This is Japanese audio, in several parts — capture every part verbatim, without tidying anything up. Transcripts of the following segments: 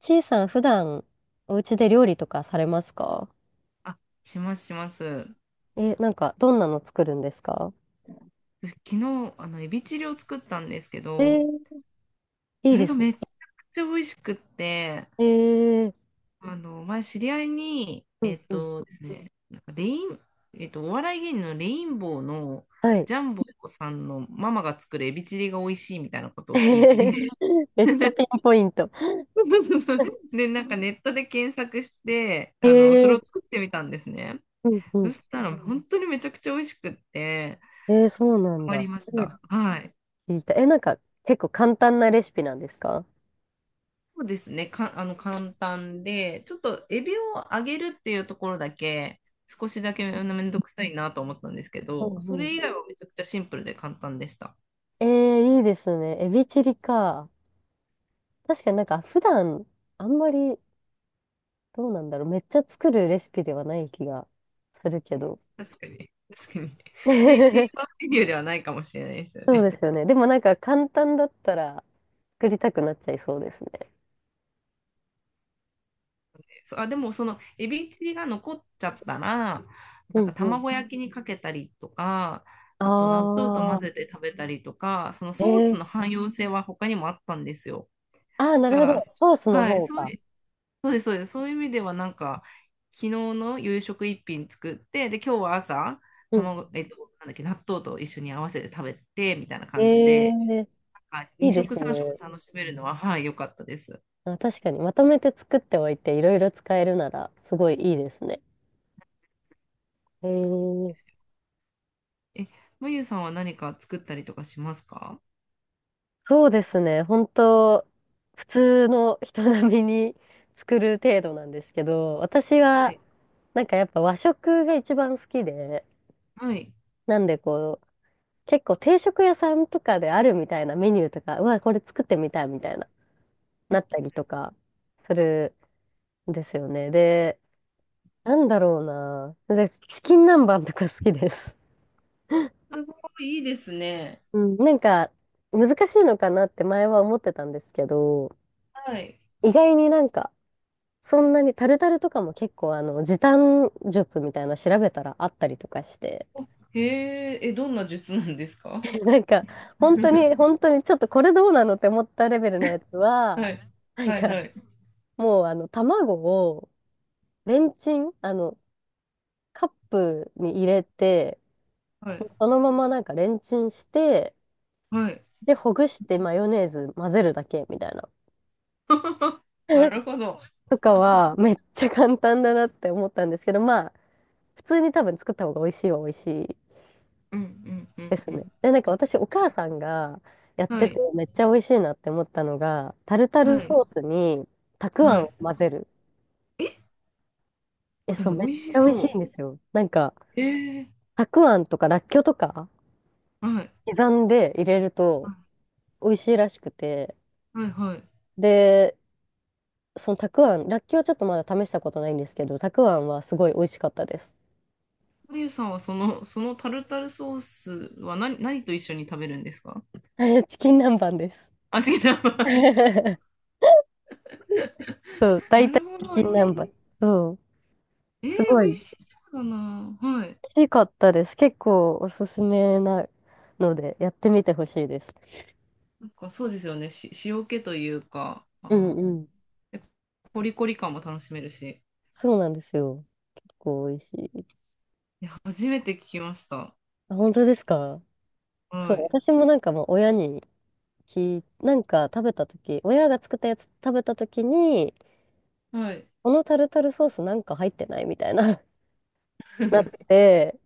ちいさん、普段、お家で料理とかされますか？あ、しますします。え、なんか、どんなの作るんですか？私昨日、あの、エビチリを作ったんですけえど、ー、いそいでれがすね。めちゃくちゃ美味しくって、えー、あの、前知り合いに、うえん、っうん。とですね、なんかレイン、えっと、お笑い芸人のレインボーのはい。ジャンボさんのママが作るエビチリが美味しいみたいなことを聞いて、めっちゃピン ポイント。そうそうそう。で、なんかネットで検索して、えあの、それをー、作ってみたんですね。うん、うそん。したら本当にめちゃくちゃ美味しくって、えー、そうなハんマりだ。まし初めてた。はい。聞いた。え、なんか、結構簡単なレシピなんですか？そうですね。か、あの、簡単で、ちょっとエビを揚げるっていうところだけ、少しだけめめんどくさいなと思ったんですけうど、そんうれ以外はめちゃくちゃシンプルで簡単でした。ん。えー、いいですね。エビチリか。確かになんか、普段、あんまり、どうなんだろう。めっちゃ作るレシピではない気がするけど。確かに。確かに。定、定 番メニューではないかもしれないですよそうね。ですよね。でもなんか簡単だったら作りたくなっちゃいそうですね。そう、あ、でもそのエビチリが残っちゃったら、うなんかんうん。卵焼きにかけたりとか、ああと納豆と混あ、ぜて食べたりとか、そのえソースー、の汎用性は他にもあったんですよ。ああ、なだるかほら、ど。ソースのはい、方そうか。そういう意味ではなんか昨日の夕食一品作って、で今日は朝うん。卵、えっと、なんだっけ納豆と一緒に合わせて食べてみたいな感じえで、ー、なんかいいにで食すさん食ね。楽しめるのははい良かったです。あ、確かに、まとめて作っておいて、いろいろ使えるなら、すごいいいですね。えそうなんでー、すよ。え、まゆさんは何か作ったりとかしますか？そうですね。本当普通の人並みに作る程度なんですけど、私はは、い。なんかやっぱ和食が一番好きで、はい。なんでこう、結構定食屋さんとかであるみたいなメニューとか、うわ、これ作ってみたいみたいな、なったりとかするんですよね。で、なんだろうな。でチキン南蛮とか好きです。すごいいいですね。うん、なんか、難しいのかなって前は思ってたんですけど、はい。意外になんか、そんなにタルタルとかも結構あの時短術みたいな調べたらあったりとかして。 へえ、え、どんな術なんですか？ なんか本当に 本当にちょっとこれどうなのって思ったレベルのやつはは、い。なんはい。かはいもうあの卵をレンチン、あのカップに入れて、はもい。うそのままなんかレンチンして、はい。で、ほぐしてマヨネーズ混ぜるだけみたいな。なる ほど。とかはめっちゃ簡単だなって思ったんですけど、まあ、普通に多分作った方が美味しいは美味しいうんうんうでんすうね。ん。で、なんか私、お母さんがやっはててい。めっちゃ美味しいなって思ったのが、タルタルはい。ソースにたくあはんい。を混ぜる。え、あ、でそう、めも美っ味しちゃ美味しいんそですよ。なんか、う。ええ、たくあんとからっきょうとかはい。刻んで入れるとは美味しいらしくて、い、はい。で、そのたくあん、らっきょうちょっとまだ試したことないんですけど、たくあんはすごい美味しかったです。まゆさんはその、そのタルタルソースは何、何と一緒に食べるんですか？ チキン南蛮です。あ、違う。そう、な大体るほチど。キえン南ー、蛮。そう、えすー、ご美い味美しそうだな。はい。味しかったです。結構おすすめなので、やってみてほしいです。なんかそうですよね。し、塩気というか、うあんの、うん。でコリコリ感も楽しめるし。そうなんですよ。結構美味しい。いや、初めて聞きました。あ、本当ですか？そはう、い。私もなんかもう親に聞い、なんか食べた時親が作ったやつ食べた時に、はい。このタルタルソースなんか入ってないみたいな。 なっ て、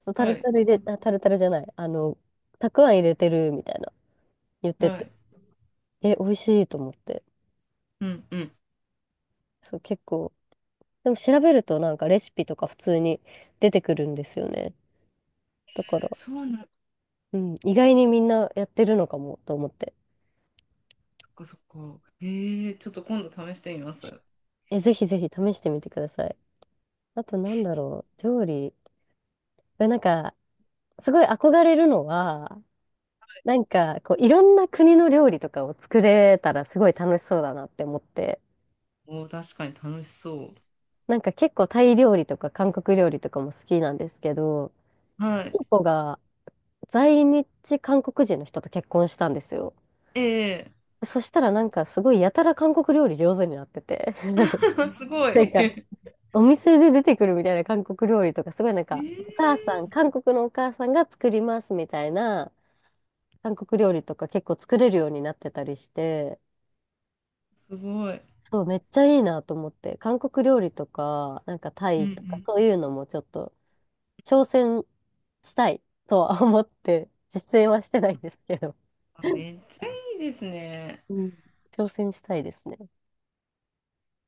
そうタはルい。タル入れ、あ、タルタルじゃない、あの、たくあん入れてるみたいな言ってはて、い。え、美味しいと思って、うんうん。そう、結構、でも調べるとなんかレシピとか普通に出てくるんですよね。だから、そうなん、そうん、意外にみんなやってるのかもと思って、っかそっか。えー、ちょっと今度試してみます。え、ぜひぜひ試してみてください。あとなんだろう、料理、えなんか、すごい憧れるのは、なんか、こう、いろんな国の料理とかを作れたらすごい楽しそうだなって思って、おー、確かに楽しそなんか結構タイ料理とか韓国料理とかも好きなんですけど、う。はいい。とこが在日韓国人の人と結婚したんですよ。ええ。 そしたらなんかすごいやたら韓国料理上手になってて、すごなんい。かえお店で出てくるみたいな韓国料理とか、すごいなんか、お母さん、え、韓国のお母さんが作りますみたいな韓国料理とか結構作れるようになってたりして、すごい。そう、めっちゃいいなと思って、韓国料理とか、なんかタうんイうとか、ん。そういうのもちょっと挑戦したいとは思って、実践はしてないんですけど、あ、めっちゃいいですね。うん、挑戦したいですね。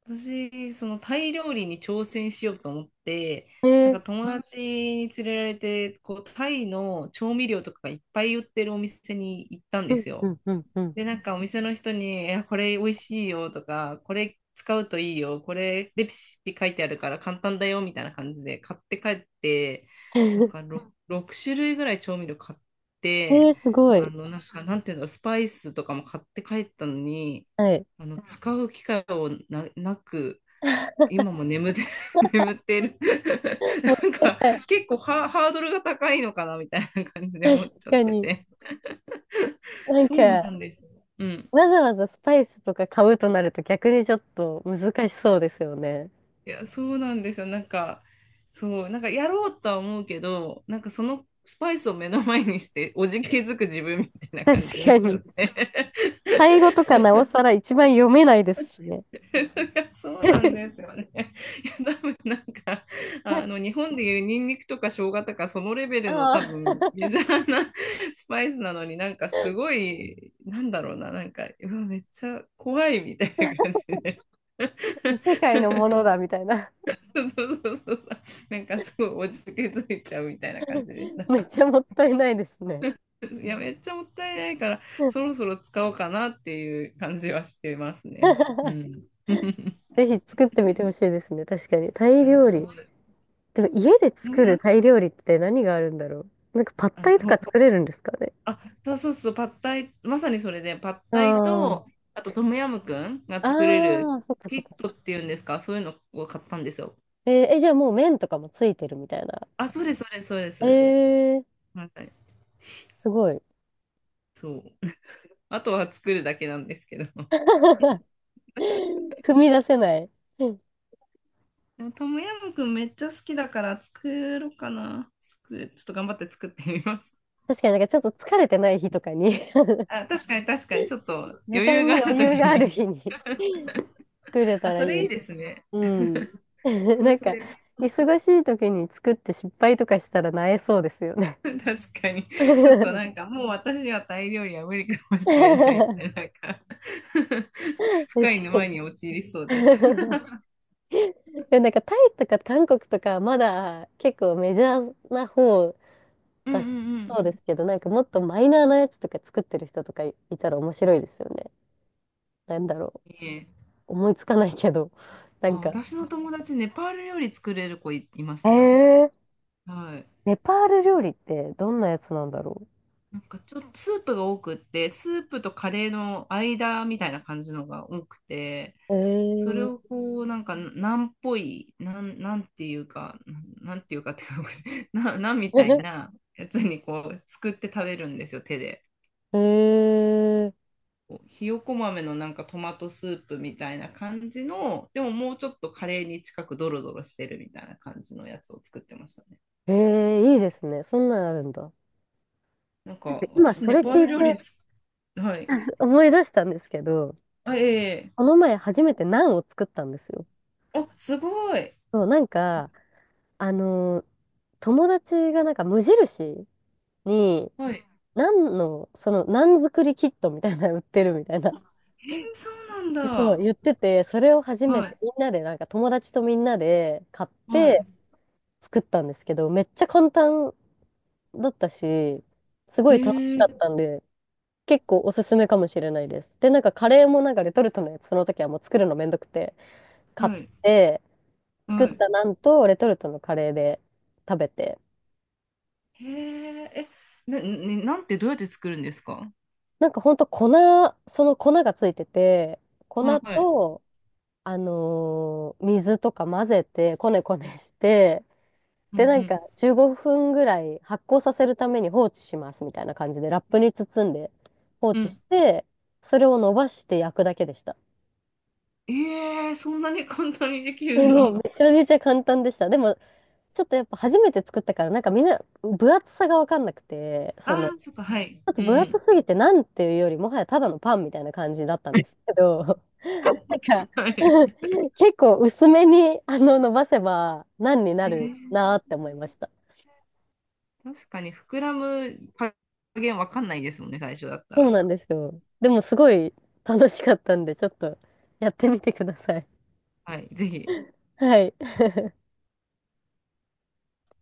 私、そのタイ料理に挑戦しようと思って、えなんー、か友達に連れられて、こう、タイの調味料とかがいっぱい売ってるお店に行ったんうでん、すうよ。ん、うん、うん。で、なんかお店の人に、え、これ美味しいよとか、これ使うといいよ、これレシピ書いてあるから簡単だよみたいな感じで買って帰って、なんえか ろく, 種類ぐらい調味料買って、ー、すごあい。の、なんか、なんていうの、スパイスとかも買って帰ったのに、はい。あの、使う機会をな、なく、今も眠って、眠ってる。もっなんたいか、ない。 結構ハ、ハードルが高いのかなみたいな感じ で確思っちゃっかてに。て。なんそうなか、んです。うん。わざわざスパイスとか買うとなると逆にちょっと難しそうですよね。いや、そうなんですよ。なんか、そう、なんかやろうとは思うけど、なんかそのスパイスを目の前にして、おじけづく自分みたい な確感じになっかちゃっに。て。タイ語とかなおさら一番読めないですしね。そりゃそうなんです よね。いや、多分なんか、あの、日本でいうニンニクとか生姜とか、そのレベルの多ああ。分メジャーなスパイスなのに、なんかすごい、なんだろうな、なんか、うわ、めっちゃ怖いみたいな感じで。 異世界のもの だみたいな。そうそうそうそう。なんかすごい落ち着いちゃうみたいな感じでし た。めっちゃもったいないですね。いや、めっちゃもったいないから、そろそろ使おうかなっていう感じはしてますね。う ん。いぜひ作ってみてほしいですね。確かに。タイや、料そ理。うです。でも家でも作るや、タイ料理って何があるんだろう。なんかパッあタの、イとかほ作れるんですかね。あ、そうそうそう、パッタイ、まさにそれで、パッタイあと、あとトムヤムクンがあ。作れあるあ、そっかキそっッか。トっていうんですか、そういうのを買ったんですよ。えーえじゃあもう麺とかもついてるみたいな。あ、そうです、そうです、そうです。えー、はい、すごい。そう。あとは作るだけなんですけど。踏み出せない。でもトムヤムくんめっちゃ好きだから作ろうかな。作、ちょっと頑張って作ってみます。確かになんかちょっと疲れてない日とかに。 あ、確かに確かに、ちょっと時余間裕があにる余と裕きがあるに。日に 作れあ、たらいそれいいい。ですね。うん。そなうんしか、てみ忙しい時に作って失敗とかしたらなえそうですよね。る。 確かに。ちょっとなん かもう私にはタイ料理は無理かもしれないみたいな、確なんか 深いか沼に。に陥りそうです。でもなんかタイとか韓国とかまだ結構メジャーな方うんうだんそうん。うですけど、なんかもっとマイナーなやつとか作ってる人とかいたら面白いですよね。なんだろいいえ。う。思いつかないけど。なんあ、か、私の友達、ネパール料理作れる子い、いましたよ。えー、はい。ネパール料理ってどんなやつなんだろなんかちょっとスープが多くって、スープとカレーの間みたいな感じのが多くて、う。えそれー、をこう、なんか、なんっぽい、なん、なんていうか、なんていうかっていうか、な、なんみたいなやつにこう、作って食べるんですよ、手で。えーこうひよこ豆のなんかトマトスープみたいな感じの、でももうちょっとカレーに近くドロドロしてるみたいな感じのやつを作ってましたね。ええ、いいですね。そんなんあるんだ。なんなんかか、今私、そネれ聞パールい料て 理つ、はい。思い出したんですけど、あ、えこえ、の前初めてナンを作ったんですよ。あ、すごい。そう、なんか、あのー友達がなんか無印に、はい。ナンの、その、ナン作りキットみたいなの売ってるみたいな。えー、そうなんでそう、だ。言ってて、それを初めはてい、みんなで、なんか友達とみんなで買っはてい。作ったんですけど、めっちゃ簡単だったし、すへごい楽しかえ、ったんで、結構おすすめかもしれないです。で、なんかカレーもなんかレトルトのやつ、その時はもう作るのめんどくて、買っはい、て、作っはい。たなんとレトルトのカレーで食べて、へえ、え、な、ね、なんてどうやって作るんですか？なんかほんと粉、その粉がついてて、粉はい。と、あのー水とか混ぜて、こねこねして、うんうで、なんかん。じゅうごふんぐらい発酵させるために放置しますみたいな感じで、ラップに包んで放う置ん。して、それを伸ばして焼くだけでした。ええ、そんなに簡単にできるでんもだ。めちゃめちゃ簡単でした。でも、ちょっとやっぱ初めて作ったから、なんかみんな分厚さが分かんなくて、あその、ちあ、そっか、はい。ょっとうんう分厚ん。すぎてなんていうよりもはやただのパンみたいな感じだったんです けど、なんか はい。結構薄めにあの伸ばせば何になへるえ、なーって思いました。確かに膨らむ加減わかんないですもんね、最初だったそうら。なんですよ。でもすごい楽しかったんで、ちょっとやってみてください。はい、ぜひ。はい。